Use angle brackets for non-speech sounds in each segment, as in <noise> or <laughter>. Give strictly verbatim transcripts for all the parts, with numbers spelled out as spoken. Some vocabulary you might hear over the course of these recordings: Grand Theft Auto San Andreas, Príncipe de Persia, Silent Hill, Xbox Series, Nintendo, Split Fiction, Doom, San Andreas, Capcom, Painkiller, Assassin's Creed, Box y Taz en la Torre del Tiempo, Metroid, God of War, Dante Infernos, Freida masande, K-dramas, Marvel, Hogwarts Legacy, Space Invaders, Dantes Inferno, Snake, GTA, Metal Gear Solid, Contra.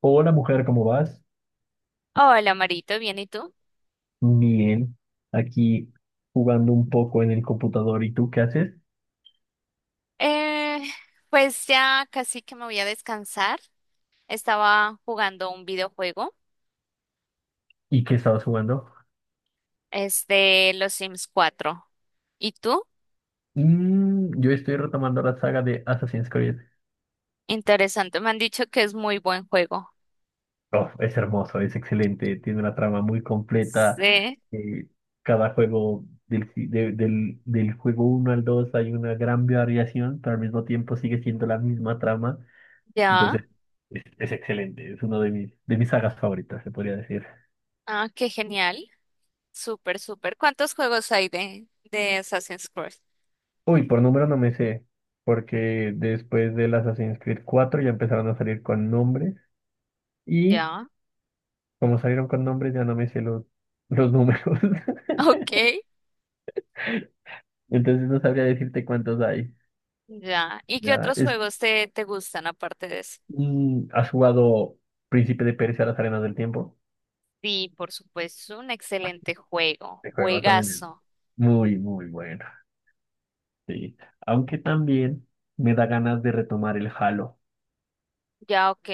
Hola mujer, ¿cómo vas? Hola, Marito, ¿bien y tú? Bien, aquí jugando un poco en el computador. ¿Y tú qué haces? Eh, pues ya casi que me voy a descansar. Estaba jugando un videojuego, ¿Y qué estabas jugando? es de los Sims cuatro. ¿Y tú? Mm, yo estoy retomando la saga de Assassin's Creed. Interesante, me han dicho que es muy buen juego. Oh, es hermoso, es excelente, tiene una trama muy completa. Sí, eh, Cada juego, del, si, de- del, del juego uno al dos hay una gran variación, pero al mismo tiempo sigue siendo la misma trama. ya. Entonces, es, es excelente, es uno de mis, de mis, sagas favoritas, se podría decir. Ah, qué genial. Súper, súper. ¿Cuántos juegos hay de, de Assassin's Creed? Uy, por número no me sé, porque después del Assassin's Creed cuatro ya empezaron a salir con nombres y Ya. como salieron con nombres ya no me sé los, los números. <laughs> Ok. <laughs> Entonces no sabría decirte cuántos hay. Ya. ¿Y qué Ya otros es, juegos te, te gustan aparte de eso? mm, ¿Has jugado Príncipe de Persia, las arenas del tiempo? Sí, por supuesto, un excelente juego. El juego también es Juegazo. muy, muy bueno. Sí, aunque también me da ganas de retomar el Halo. Ya, ok.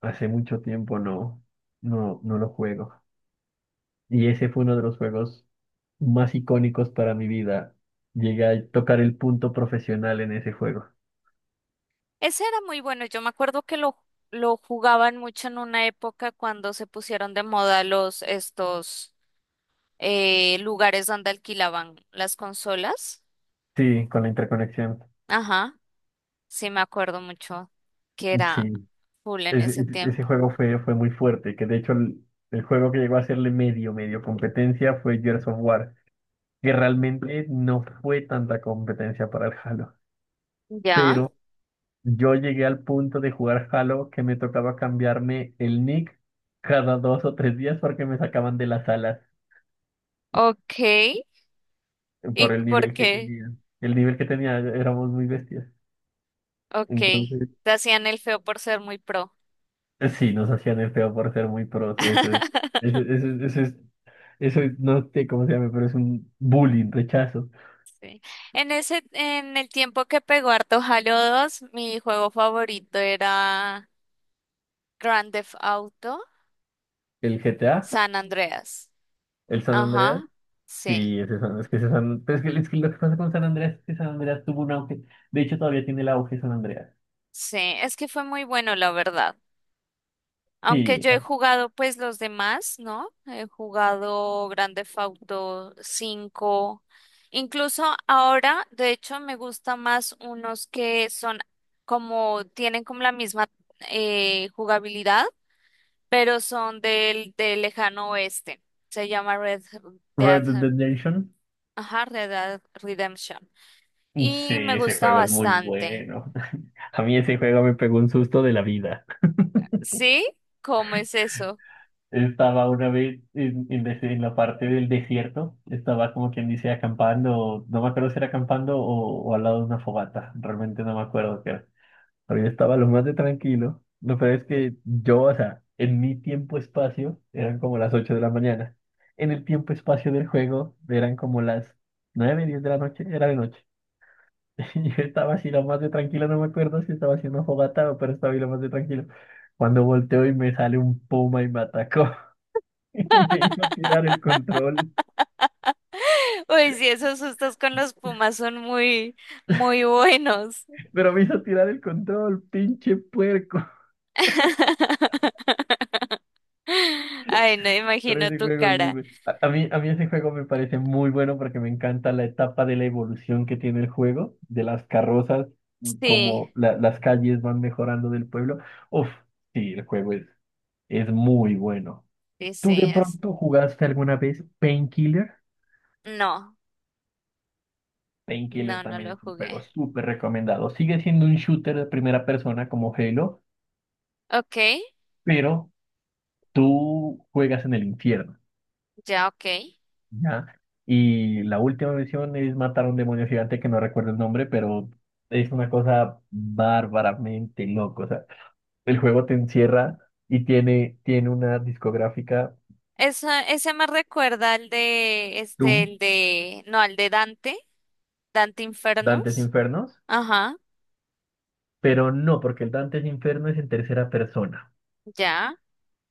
Hace mucho tiempo no, no, no lo juego. Y ese fue uno de los juegos más icónicos para mi vida. Llegué a tocar el punto profesional en ese juego. Ese era muy bueno. Yo me acuerdo que lo, lo jugaban mucho en una época cuando se pusieron de moda los estos eh, lugares donde alquilaban las consolas. Sí, con la interconexión. Ajá. Sí, me acuerdo mucho que era Sí, full en Es- ese es- ese tiempo. juego fue, fue muy fuerte, que de hecho el, el juego que llegó a hacerle medio, medio competencia fue Gears of War, que realmente no fue tanta competencia para el Halo. Ya. Pero yo llegué al punto de jugar Halo que me tocaba cambiarme el nick cada dos o tres días porque me sacaban de las salas. Ok. Por ¿Y el por nivel que qué? tenía. El nivel que tenía éramos muy bestias. Ok. Entonces, Te hacían el feo por ser muy pro. eh, sí, nos hacían el feo por ser muy pros. Eso es, eso, eso, <laughs> eso es, eso es- no sé cómo se llama, pero es un bullying, rechazo. Sí. En ese, en el tiempo que pegó harto Halo dos, mi juego favorito era Grand Theft Auto El G T A, San Andreas. el San Andreas, Ajá, sí, sí, ese San- es que ese San, pero es que, es que lo que pasa con San Andreas es que San Andreas tuvo un auge. De hecho, todavía tiene el auge San Andreas. sí, es que fue muy bueno, la verdad. Aunque Sí, yo he jugado pues los demás, ¿no? He jugado Grand Theft Auto cinco. Incluso ahora, de hecho, me gusta más unos que son como, tienen como la misma eh, jugabilidad, pero son del, del lejano oeste. Se llama Red Dead, Red Dead Redemption. ajá, Red Dead Redemption. Sí, Y me ese gusta juego es muy bastante. bueno. <laughs> A mí ese juego me pegó un susto de la vida. ¿Sí? ¿Cómo es eso? Estaba una vez en, en des- en la parte del desierto, estaba como quien dice acampando, no me acuerdo si era acampando o, o al lado de una fogata, realmente no me acuerdo qué era. Pero yo estaba lo más de tranquilo, lo peor es que yo, o sea, en mi tiempo-espacio eran como las ocho de la mañana, en el tiempo-espacio del juego eran como las nueve diez de la noche, era de noche. <laughs> Y yo estaba así lo más de tranquilo, no me acuerdo si estaba haciendo fogata, o pero estaba ahí lo más de tranquilo. Cuando volteo y me sale un puma y me atacó. <laughs> Y me hizo tirar el control. <laughs> Uy, sí, esos sustos con los pumas son muy, muy buenos. Pero me hizo tirar el control, pinche puerco. <laughs> <laughs> Ay, no Pero imagino ese tu juego es muy cara. bueno. A, a mí, a mí ese juego me parece muy bueno porque me encanta la etapa de la evolución que tiene el juego, de las carrozas, Sí, como la- las calles van mejorando del pueblo. Uf, sí, el juego es, es muy bueno. sí, sí, ¿Tú de es- pronto jugaste alguna vez Painkiller? No, Painkiller no, no también lo es un juego jugué. súper recomendado. Sigue siendo un shooter de primera persona como Halo, Ok, pero tú juegas en el infierno, ya, ok. ¿ya? Y la última misión es matar a un demonio gigante que no recuerdo el nombre, pero es una cosa bárbaramente loco. O sea, el juego te encierra y tiene, tiene una discográfica Esa, ese me recuerda al de, este, Doom, el de, no, al de Dante, Dante Dantes Infernos. Infernos, Ajá. pero no, porque el Dantes Inferno es en tercera persona. Ya,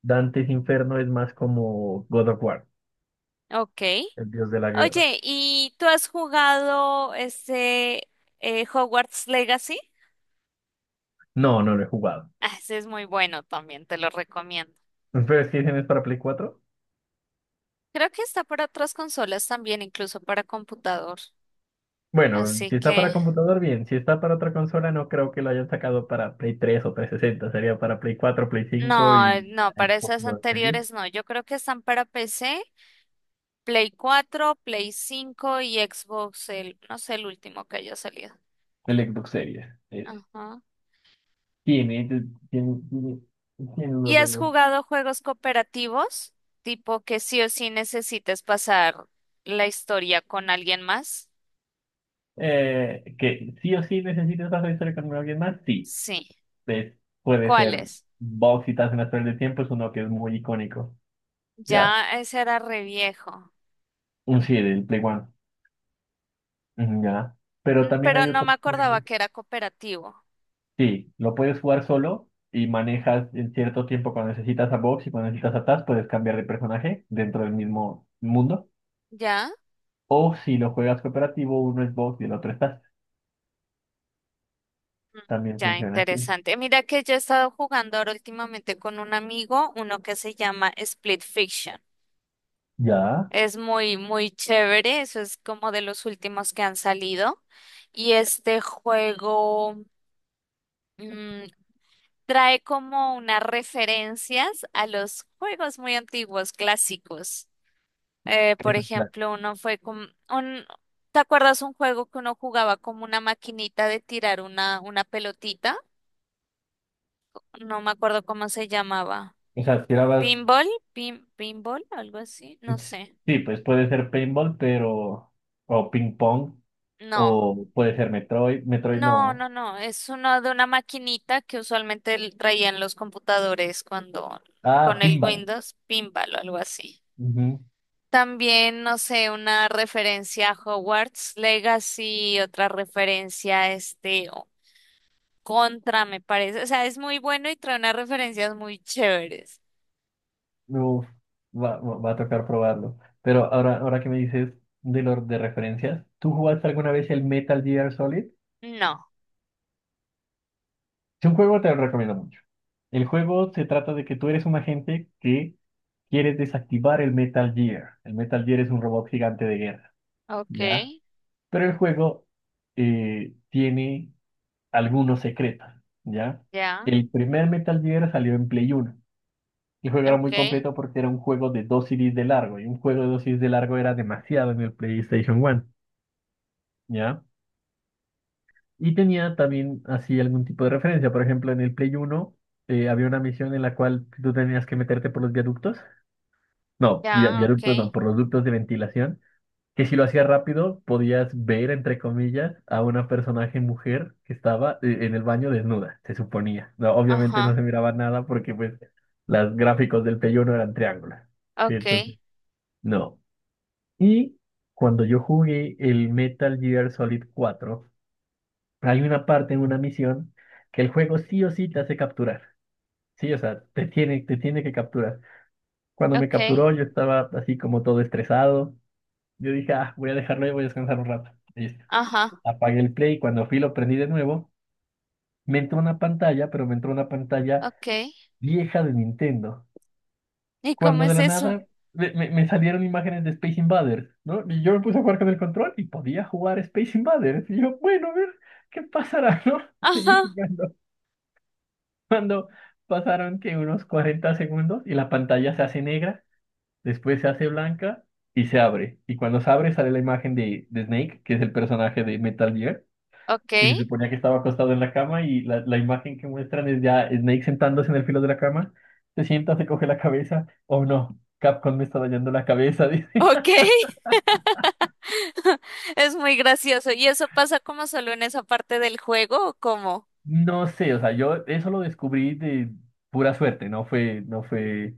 Dantes Inferno es más como God of War, ok. el dios de la guerra. Oye, ¿y tú has jugado ese eh, Hogwarts Legacy? No, no lo he jugado. Ah, ese es muy bueno también, te lo recomiendo. ¿Pero si es que dicen es para Play cuatro? Creo que está para otras consolas también, incluso para computador. Bueno, Así si está para que, computador, bien. Si está para otra consola, no creo que lo hayan sacado para Play tres o trescientos sesenta. Sería para Play cuatro, Play cinco y no, no, el para esas Xbox Series. anteriores no. Yo creo que están para P C, Play cuatro, Play cinco y Xbox, el, no sé, el último que haya salido. El Xbox Series. eh, Ajá. Tiene, tiene, tiene, tiene uno ¿Y has bueno. jugado juegos cooperativos? Tipo que sí o sí necesites pasar la historia con alguien más. Eh, que sí o sí necesitas hacer historia con alguien más, sí. Sí. Es- Puede ser ¿Cuáles? Box y Taz en la Torre del Tiempo, es uno que es muy icónico. Ya. Ya ese era re viejo. Un sí, del Play One. Ujú, ya. Pero Mm, también pero hay no me otros acordaba juegos. que era cooperativo. Sí, lo puedes jugar solo y manejas en cierto tiempo cuando necesitas a Box y cuando necesitas a Taz, puedes cambiar de personaje dentro del mismo mundo. Ya, O si lo juegas cooperativo, uno es Box y el otro es Taz. También ya funciona así. interesante. Mira que yo he estado jugando ahora últimamente con un amigo, uno que se llama Split Fiction. Ya. Es muy, muy chévere. Eso es como de los últimos que han salido. Y este juego. mm, Trae como unas referencias a los juegos muy antiguos, clásicos. Eh, por ejemplo, uno fue como un, ¿te acuerdas un juego que uno jugaba como una maquinita de tirar una, una pelotita? No me acuerdo cómo se llamaba. O sea, tirabas. ¿Pinball? ¿Pin, pinball? ¿Algo así? No sé. Sí, pues puede ser paintball, pero. O ping pong. No. O puede ser Metroid. Metroid No, no. no, no. Es uno de una maquinita que usualmente l- traían los computadores cuando Ah, con el pinball. Windows, pinball o algo así. Ujú. También, no sé, una referencia a Hogwarts Legacy, otra referencia a este o- Contra, me parece. O sea, es muy bueno y trae unas referencias muy chéveres. Uf, va, va- va a tocar probarlo. Pero ahora, ahora, que me dices de los de referencias, ¿tú jugaste alguna vez el Metal Gear Solid? No. Es un juego que te lo recomiendo mucho. El juego se trata de que tú eres un agente que quieres desactivar el Metal Gear. El Metal Gear es un robot gigante de guerra, Ok, ¿ya? Pero el juego eh, tiene algunos secretos, ¿ya? ya, El primer Metal Gear salió en Play Uno. El juego era ok, muy completo porque era un juego de dos C Ds de largo y un juego de dos C Ds de largo era demasiado en el PlayStation uno, ¿ya? Y tenía también así algún tipo de referencia. Por ejemplo, en el Play Uno eh, había una misión en la cual tú tenías que meterte por los viaductos. No, via- ya, ok, viaductos no, por los ductos de ventilación. Que si lo hacías rápido, podías ver, entre comillas, a una personaje mujer que estaba eh, en el baño desnuda, se suponía. No, obviamente no ajá, se miraba nada porque pues los gráficos del Play Uno eran triángulos. Sí, ok, entonces, no. Y cuando yo jugué el Metal Gear Solid cuatro, hay una parte en una misión que el juego sí o sí te hace capturar. Sí, o sea, te tiene, te tiene que capturar. Cuando me ok, capturó, yo estaba así como todo estresado. Yo dije, ah, voy a dejarlo y voy a descansar un rato. Listo. ajá, Apagué el play. Cuando fui, lo prendí de nuevo. Me entró una pantalla, pero me entró una pantalla ok. vieja de Nintendo, ¿Y cómo cuando de es la eso? nada me, me- me salieron imágenes de Space Invaders, ¿no? Y yo me puse a jugar con el control y podía jugar Space Invaders. Y yo, bueno, a ver, ¿qué pasará, <laughs> no? Ajá, Seguí jugando. Cuando pasaron que unos cuarenta segundos y la pantalla se hace negra, después se hace blanca y se abre. Y cuando se abre sale la imagen de, de, Snake, que es el personaje de Metal Gear ok, y se suponía que estaba acostado en la cama y la, la imagen que muestran es ya Snake sentándose en el filo de la cama. Se sienta, se coge la cabeza. Oh no, Capcom me está dañando la cabeza, <laughs> dice. ok. <laughs> Es muy gracioso. ¿Y eso pasa como solo en esa parte del juego o cómo? No sé, o sea, yo eso lo descubrí de pura suerte, no fue, no fue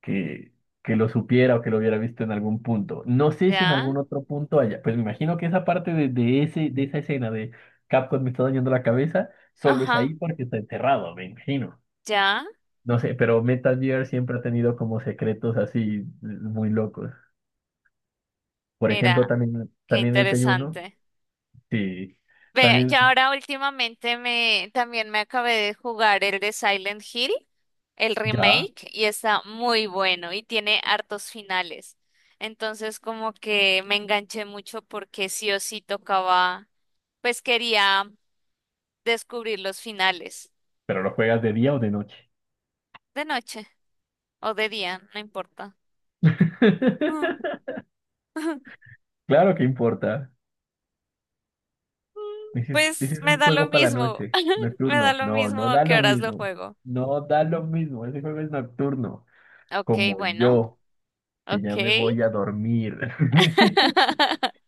que, que lo supiera o que lo hubiera visto en algún punto. No sé si en Ya. algún otro punto haya, pues me imagino que esa parte de, de ese, de esa escena de Capcom me está dañando la cabeza, solo es Ajá, ahí porque está enterrado, me imagino. ya, No sé, pero Metal Gear siempre ha tenido como secretos así muy locos. Por ejemplo, mira, también, qué también el Play uno, interesante. sí, Ve, también ya ahora últimamente me también me acabé de jugar el de Silent Hill, el ya, remake, y está muy bueno y tiene hartos finales. Entonces como que me enganché mucho porque sí o sí tocaba, pues quería descubrir los finales pero lo juegas de día o de noche. de noche o de día, no importa. Mm. <laughs> <laughs> Claro que importa. Dices, Pues dices me un da lo juego para la mismo, noche, <laughs> me da nocturno. lo No, mismo no a da qué lo horas lo mismo. juego. No da lo mismo. Ese juego es nocturno. Ok, Como bueno, yo, que ya ok. me voy a dormir. <laughs> <laughs>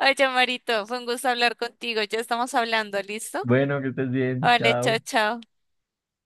Oye, Marito, fue un gusto hablar contigo. Ya estamos hablando, ¿listo? Bueno, que estés bien. Vale, chao, Chao. chao.